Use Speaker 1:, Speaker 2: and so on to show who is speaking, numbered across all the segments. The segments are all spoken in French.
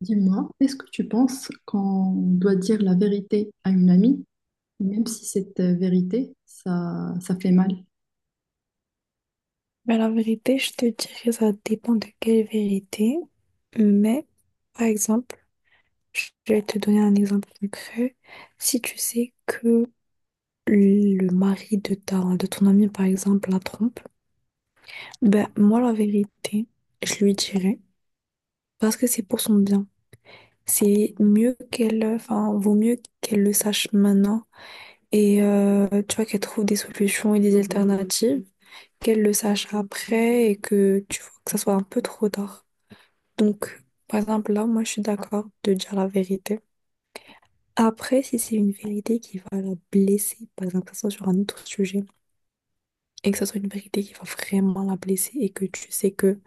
Speaker 1: Dis-moi, est-ce que tu penses qu'on doit dire la vérité à une amie, même si cette vérité, ça fait mal?
Speaker 2: Mais la vérité, je te dirais, ça dépend de quelle vérité. Mais, par exemple, je vais te donner un exemple concret. Si tu sais que le mari de ton ami, par exemple, la trompe, ben, moi, la vérité, je lui dirais, parce que c'est pour son bien. C'est mieux qu'elle, enfin, vaut mieux qu'elle le sache maintenant et, tu vois, qu'elle trouve des solutions et des alternatives, qu'elle le sache après et que, tu vois, que ça soit un peu trop tard. Donc, par exemple, là, moi, je suis d'accord de dire la vérité. Après, si c'est une vérité qui va la blesser, par exemple, que ce soit sur un autre sujet, et que ce soit une vérité qui va vraiment la blesser, et que tu sais que,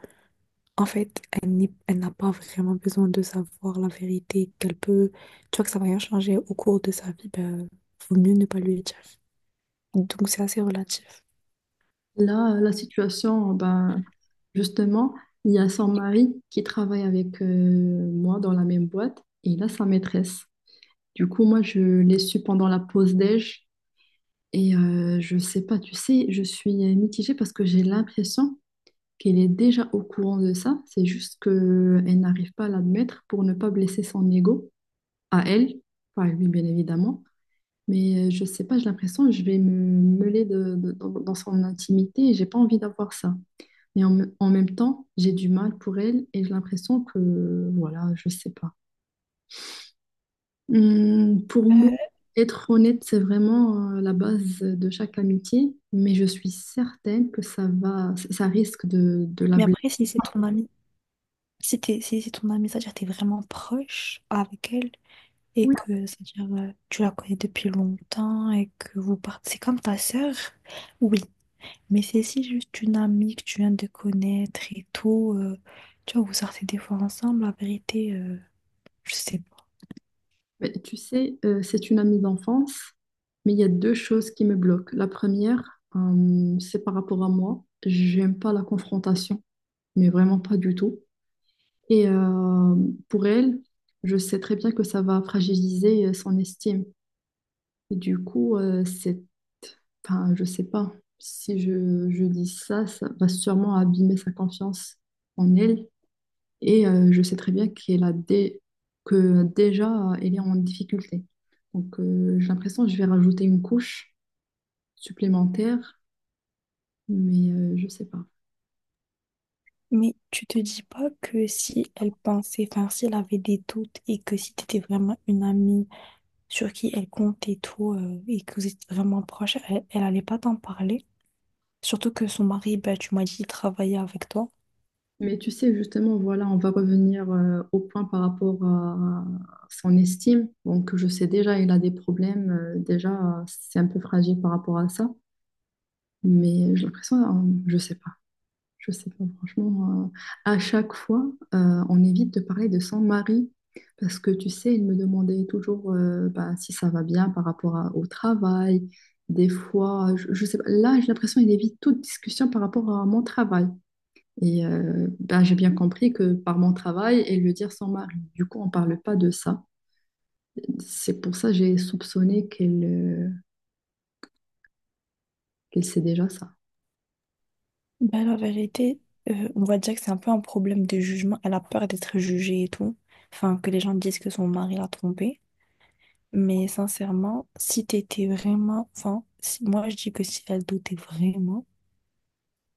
Speaker 2: en fait, elle n'a pas vraiment besoin de savoir la vérité, qu'elle peut, tu vois, que ça va rien changer au cours de sa vie, ben, vaut mieux ne pas lui dire. Donc, c'est assez relatif.
Speaker 1: Là, la situation, ben, justement, il y a son mari qui travaille avec moi dans la même boîte et il a sa maîtresse. Du coup, moi, je l'ai su pendant la pause déj et je sais pas, tu sais, je suis mitigée parce que j'ai l'impression qu'elle est déjà au courant de ça. C'est juste qu'elle n'arrive pas à l'admettre pour ne pas blesser son ego. À elle, enfin, lui bien évidemment, mais je sais pas, j'ai l'impression que je vais me mêler dans son intimité et j'ai pas envie d'avoir ça. Mais en même temps, j'ai du mal pour elle et j'ai l'impression que, voilà, je sais pas. Pour moi,
Speaker 2: Euh,
Speaker 1: être honnête, c'est vraiment la base de chaque amitié, mais je suis certaine que ça va, ça risque de la
Speaker 2: mais
Speaker 1: blesser.
Speaker 2: après, si c'est ton ami, si c'est ton ami, c'est-à-dire que t'es vraiment proche avec elle, et que, c'est-à-dire, tu la connais depuis longtemps et que vous partez. C'est comme ta sœur, oui, mais c'est si juste une amie que tu viens de connaître et tout. Tu vois, vous sortez des fois ensemble, la vérité, je sais pas.
Speaker 1: Mais tu sais, c'est une amie d'enfance, mais il y a deux choses qui me bloquent. La première, c'est par rapport à moi. J'aime pas la confrontation, mais vraiment pas du tout. Et pour elle, je sais très bien que ça va fragiliser son estime. Et du coup, c'est... Enfin, je sais pas. Si je dis ça, ça va sûrement abîmer sa confiance en elle. Et je sais très bien que déjà, elle est en difficulté. Donc, j'ai l'impression que je vais rajouter une couche supplémentaire, mais je sais pas.
Speaker 2: Mais tu te dis pas que si elle pensait, enfin si elle avait des doutes et que si t'étais vraiment une amie sur qui elle compte et tout, et que vous étiez vraiment proches, elle allait pas t'en parler. Surtout que son mari, ben, tu m'as dit, il travaillait avec toi.
Speaker 1: Mais tu sais, justement, voilà, on va revenir au point par rapport à son estime. Donc, je sais déjà, il a des problèmes. Déjà, c'est un peu fragile par rapport à ça. Mais j'ai l'impression, je sais pas. Je sais pas, franchement, à chaque fois, on évite de parler de son mari parce que tu sais, il me demandait toujours bah, si ça va bien au travail. Des fois, je sais pas, là, j'ai l'impression qu'il évite toute discussion par rapport à mon travail. Et bah, j'ai bien compris que par mon travail, et le dire son mari. Du coup, on parle pas de ça. C'est pour ça que j'ai soupçonné qu'elle qu'elle sait déjà ça.
Speaker 2: Bah, la vérité, on va dire que c'est un peu un problème de jugement. Elle a peur d'être jugée et tout. Enfin, que les gens disent que son mari l'a trompée. Mais sincèrement, si t'étais vraiment... Enfin, moi, je dis que si elle doutait vraiment,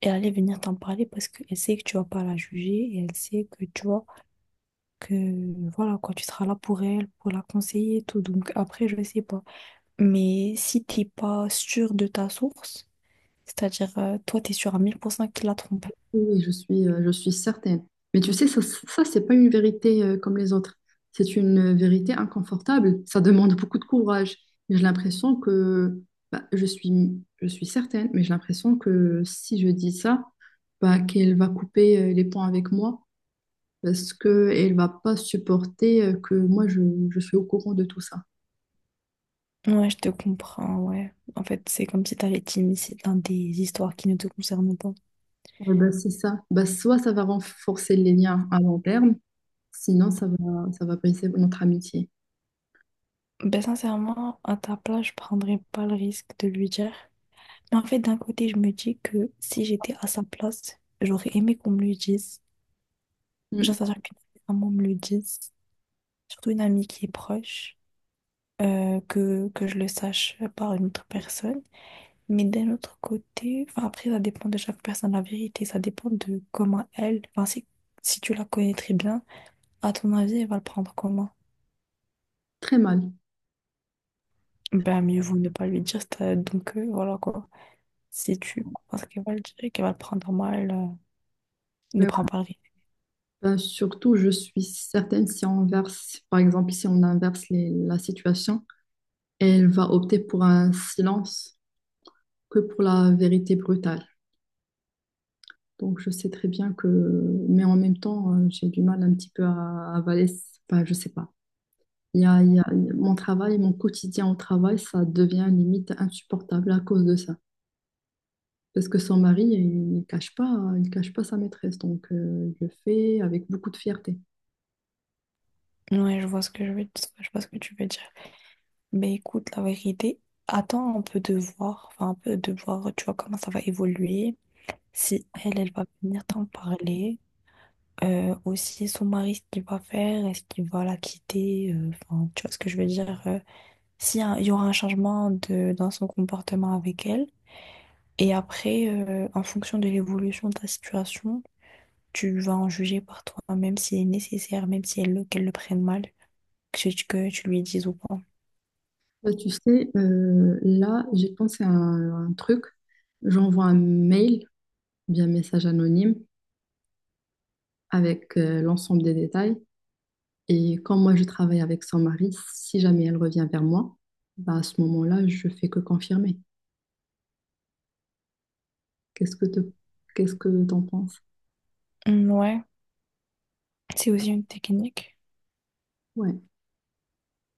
Speaker 2: elle allait venir t'en parler parce qu'elle sait que tu vas pas la juger et elle sait que tu vois que... Voilà, quoi, tu seras là pour elle, pour la conseiller et tout. Donc après, je sais pas. Mais si t'es pas sûr de ta source, c'est-à-dire, toi, t'es sûr à 1000% qu'il l'a trompée.
Speaker 1: Oui, oui, je suis certaine. Mais tu sais, ça c'est pas une vérité comme les autres. C'est une vérité inconfortable. Ça demande beaucoup de courage. Et j'ai l'impression que, bah, je suis certaine, mais j'ai l'impression que si je dis ça, bah, qu'elle va couper les ponts avec moi parce qu'elle va pas supporter que moi, je suis au courant de tout ça.
Speaker 2: Ouais, je te comprends, ouais. En fait, c'est comme si t'avais été initié dans des histoires qui ne te concernent pas.
Speaker 1: Ouais, bah, c'est ça. Bah, soit ça va renforcer les liens à long terme, sinon ça va briser notre amitié.
Speaker 2: Ben sincèrement, à ta place, je prendrais pas le risque de lui dire. Mais en fait, d'un côté, je me dis que si j'étais à sa place, j'aurais aimé qu'on me le dise.
Speaker 1: Mm.
Speaker 2: Genre, ça qu'une maman me le dise. Surtout une amie qui est proche, que je le sache par une autre personne. Mais d'un autre côté, enfin après, ça dépend de chaque personne, la vérité. Ça dépend de comment elle, enfin si, si tu la connais très bien. À ton avis, il va le prendre comment?
Speaker 1: Très mal.
Speaker 2: Ben, mieux vaut ne pas lui dire, donc voilà quoi. Si tu penses qu'il va le dire, et qu'elle va le prendre mal, ne prends pas le risque.
Speaker 1: Ben, surtout, je suis certaine si on inverse, par exemple, si on inverse la situation, elle va opter pour un silence que pour la vérité brutale. Donc, je sais très bien que, mais en même temps, j'ai du mal un petit peu à avaler, enfin, je sais pas. Mon travail, mon quotidien au travail, ça devient limite insupportable à cause de ça. Parce que son mari, il cache pas sa maîtresse. Donc, il le fait avec beaucoup de fierté.
Speaker 2: Ouais, je vois ce que je veux dire, je vois ce que tu veux dire. Mais écoute, la vérité, attends un peu de voir, enfin un peu de voir, tu vois, comment ça va évoluer. Si elle, elle va venir t'en parler. Aussi son mari, ce qu'il va faire, est-ce qu'il va la quitter, enfin, tu vois ce que je veux dire, il y aura un changement dans son comportement avec elle, et après, en fonction de l'évolution de ta situation, tu vas en juger par toi-même si est nécessaire, même si qu'elle le prenne mal, que tu lui dises ou pas.
Speaker 1: Bah, tu sais, là, j'ai pensé à un truc. J'envoie un mail, bien message anonyme, avec l'ensemble des détails. Et quand moi, je travaille avec son mari, si jamais elle revient vers moi, bah, à ce moment-là, je fais que confirmer. Qu'est-ce que te, qu'est-ce que t'en penses?
Speaker 2: Mm. Ouais. C'est aussi une technique.
Speaker 1: Ouais,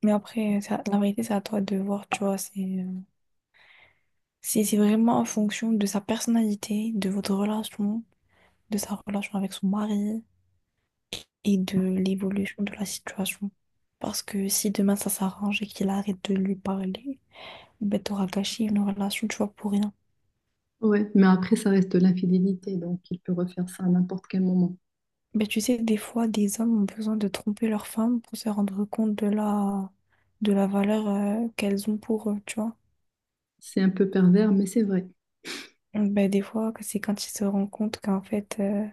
Speaker 2: Mais après, la vérité, c'est à toi de voir, tu vois. C'est vraiment en fonction de sa personnalité, de votre relation, de sa relation avec son mari et de l'évolution de la situation. Parce que si demain ça s'arrange et qu'il arrête de lui parler, ben t'auras gâché une relation, tu vois, pour rien.
Speaker 1: ouais. Mais après, ça reste de l'infidélité, donc il peut refaire ça à n'importe quel moment.
Speaker 2: Ben tu sais, des fois, des hommes ont besoin de tromper leur femme pour se rendre compte de la valeur qu'elles ont pour eux, tu vois.
Speaker 1: C'est un peu pervers, mais c'est vrai.
Speaker 2: Ben, des fois, c'est quand ils se rendent compte qu'en fait...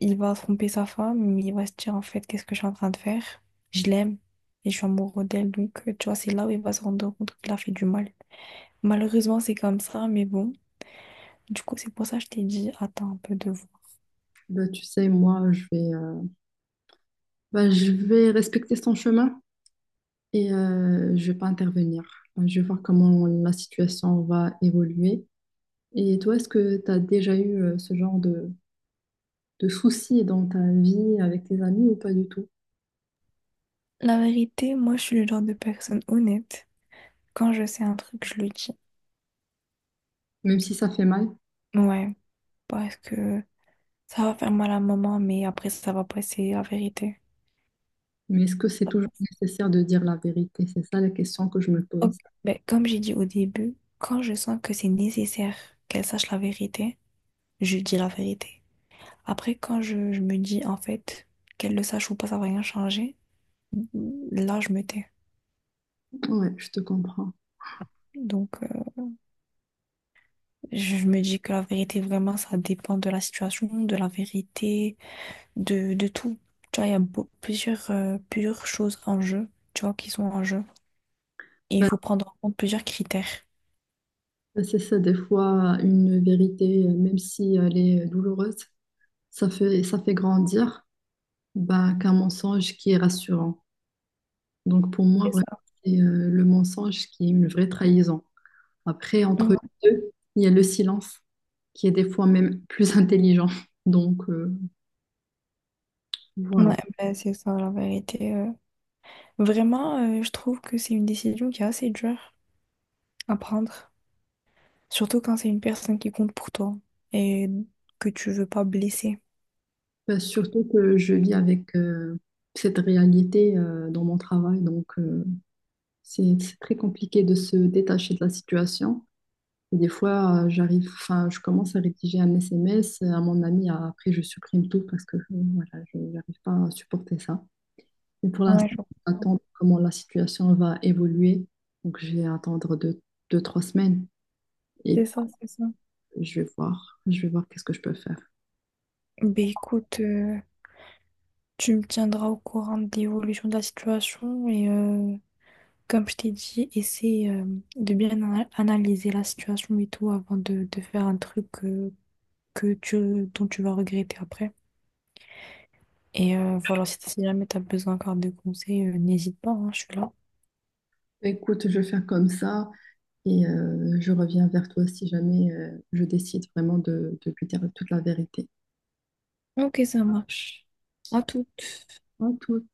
Speaker 2: il va tromper sa femme, il va se dire en fait qu'est-ce que je suis en train de faire? Je l'aime et je suis amoureux d'elle. Donc, tu vois, c'est là où il va se rendre compte qu'il a fait du mal. Malheureusement, c'est comme ça, mais bon. Du coup, c'est pour ça que je t'ai dit, attends un peu de voir.
Speaker 1: Bah, tu sais, moi, bah, je vais respecter son chemin. Et je vais pas intervenir. Je vais voir comment ma situation va évoluer. Et toi, est-ce que tu as déjà eu ce genre de soucis dans ta vie avec tes amis ou pas du tout?
Speaker 2: La vérité, moi, je suis le genre de personne honnête. Quand je sais un truc, je le dis.
Speaker 1: Même si ça fait mal,
Speaker 2: Ouais, parce que ça va faire mal à maman, mais après, ça va passer, la vérité.
Speaker 1: mais est-ce que c'est toujours nécessaire de dire la vérité? C'est ça la question que je me
Speaker 2: Ok.
Speaker 1: pose.
Speaker 2: Ben, comme j'ai dit au début, quand je sens que c'est nécessaire qu'elle sache la vérité, je dis la vérité. Après, je me dis, en fait, qu'elle le sache ou pas, ça va rien changer, là, je me tais.
Speaker 1: Ouais, je te comprends.
Speaker 2: Donc, je me dis que la vérité, vraiment, ça dépend de la situation, de la vérité, de tout. Tu vois, il y a plusieurs choses en jeu, tu vois, qui sont en jeu. Et il
Speaker 1: Ben,
Speaker 2: faut prendre en compte plusieurs critères.
Speaker 1: c'est ça, des fois, une vérité, même si elle est douloureuse, ça fait grandir ben, qu'un mensonge qui est rassurant. Donc pour moi,
Speaker 2: C'est
Speaker 1: vraiment,
Speaker 2: ça.
Speaker 1: c'est le mensonge qui est une vraie trahison. Après, entre
Speaker 2: Ouais.
Speaker 1: les deux, il y a le silence qui est des fois même plus intelligent. Donc voilà.
Speaker 2: Ouais, ben, c'est ça, la vérité. Vraiment, je trouve que c'est une décision qui est assez dure à prendre. Surtout quand c'est une personne qui compte pour toi et que tu veux pas blesser.
Speaker 1: Bah, surtout que je vis avec cette réalité dans mon travail. Donc c'est très compliqué de se détacher de la situation. Et des fois, j'arrive, enfin, je commence à rédiger un SMS à mon ami. Après, je supprime tout parce que voilà, je n'arrive pas à supporter ça. Mais pour l'instant,
Speaker 2: Ouais, je
Speaker 1: on
Speaker 2: comprends.
Speaker 1: attend comment la situation va évoluer. Donc, je vais attendre 2, 2, 3 semaines
Speaker 2: C'est
Speaker 1: et
Speaker 2: ça, c'est ça.
Speaker 1: puis je vais voir. Je vais voir qu'est-ce que je peux faire.
Speaker 2: Ben écoute, tu me tiendras au courant de l'évolution de la situation et comme je t'ai dit, essaie de bien analyser la situation et tout avant de faire un truc que dont tu vas regretter après. Et voilà, si jamais tu as besoin encore de conseils, n'hésite pas, hein, je suis là.
Speaker 1: Écoute, je vais faire comme ça et je reviens vers toi si jamais je décide vraiment de lui dire toute la vérité.
Speaker 2: Ok, ça marche. À toutes.
Speaker 1: En tout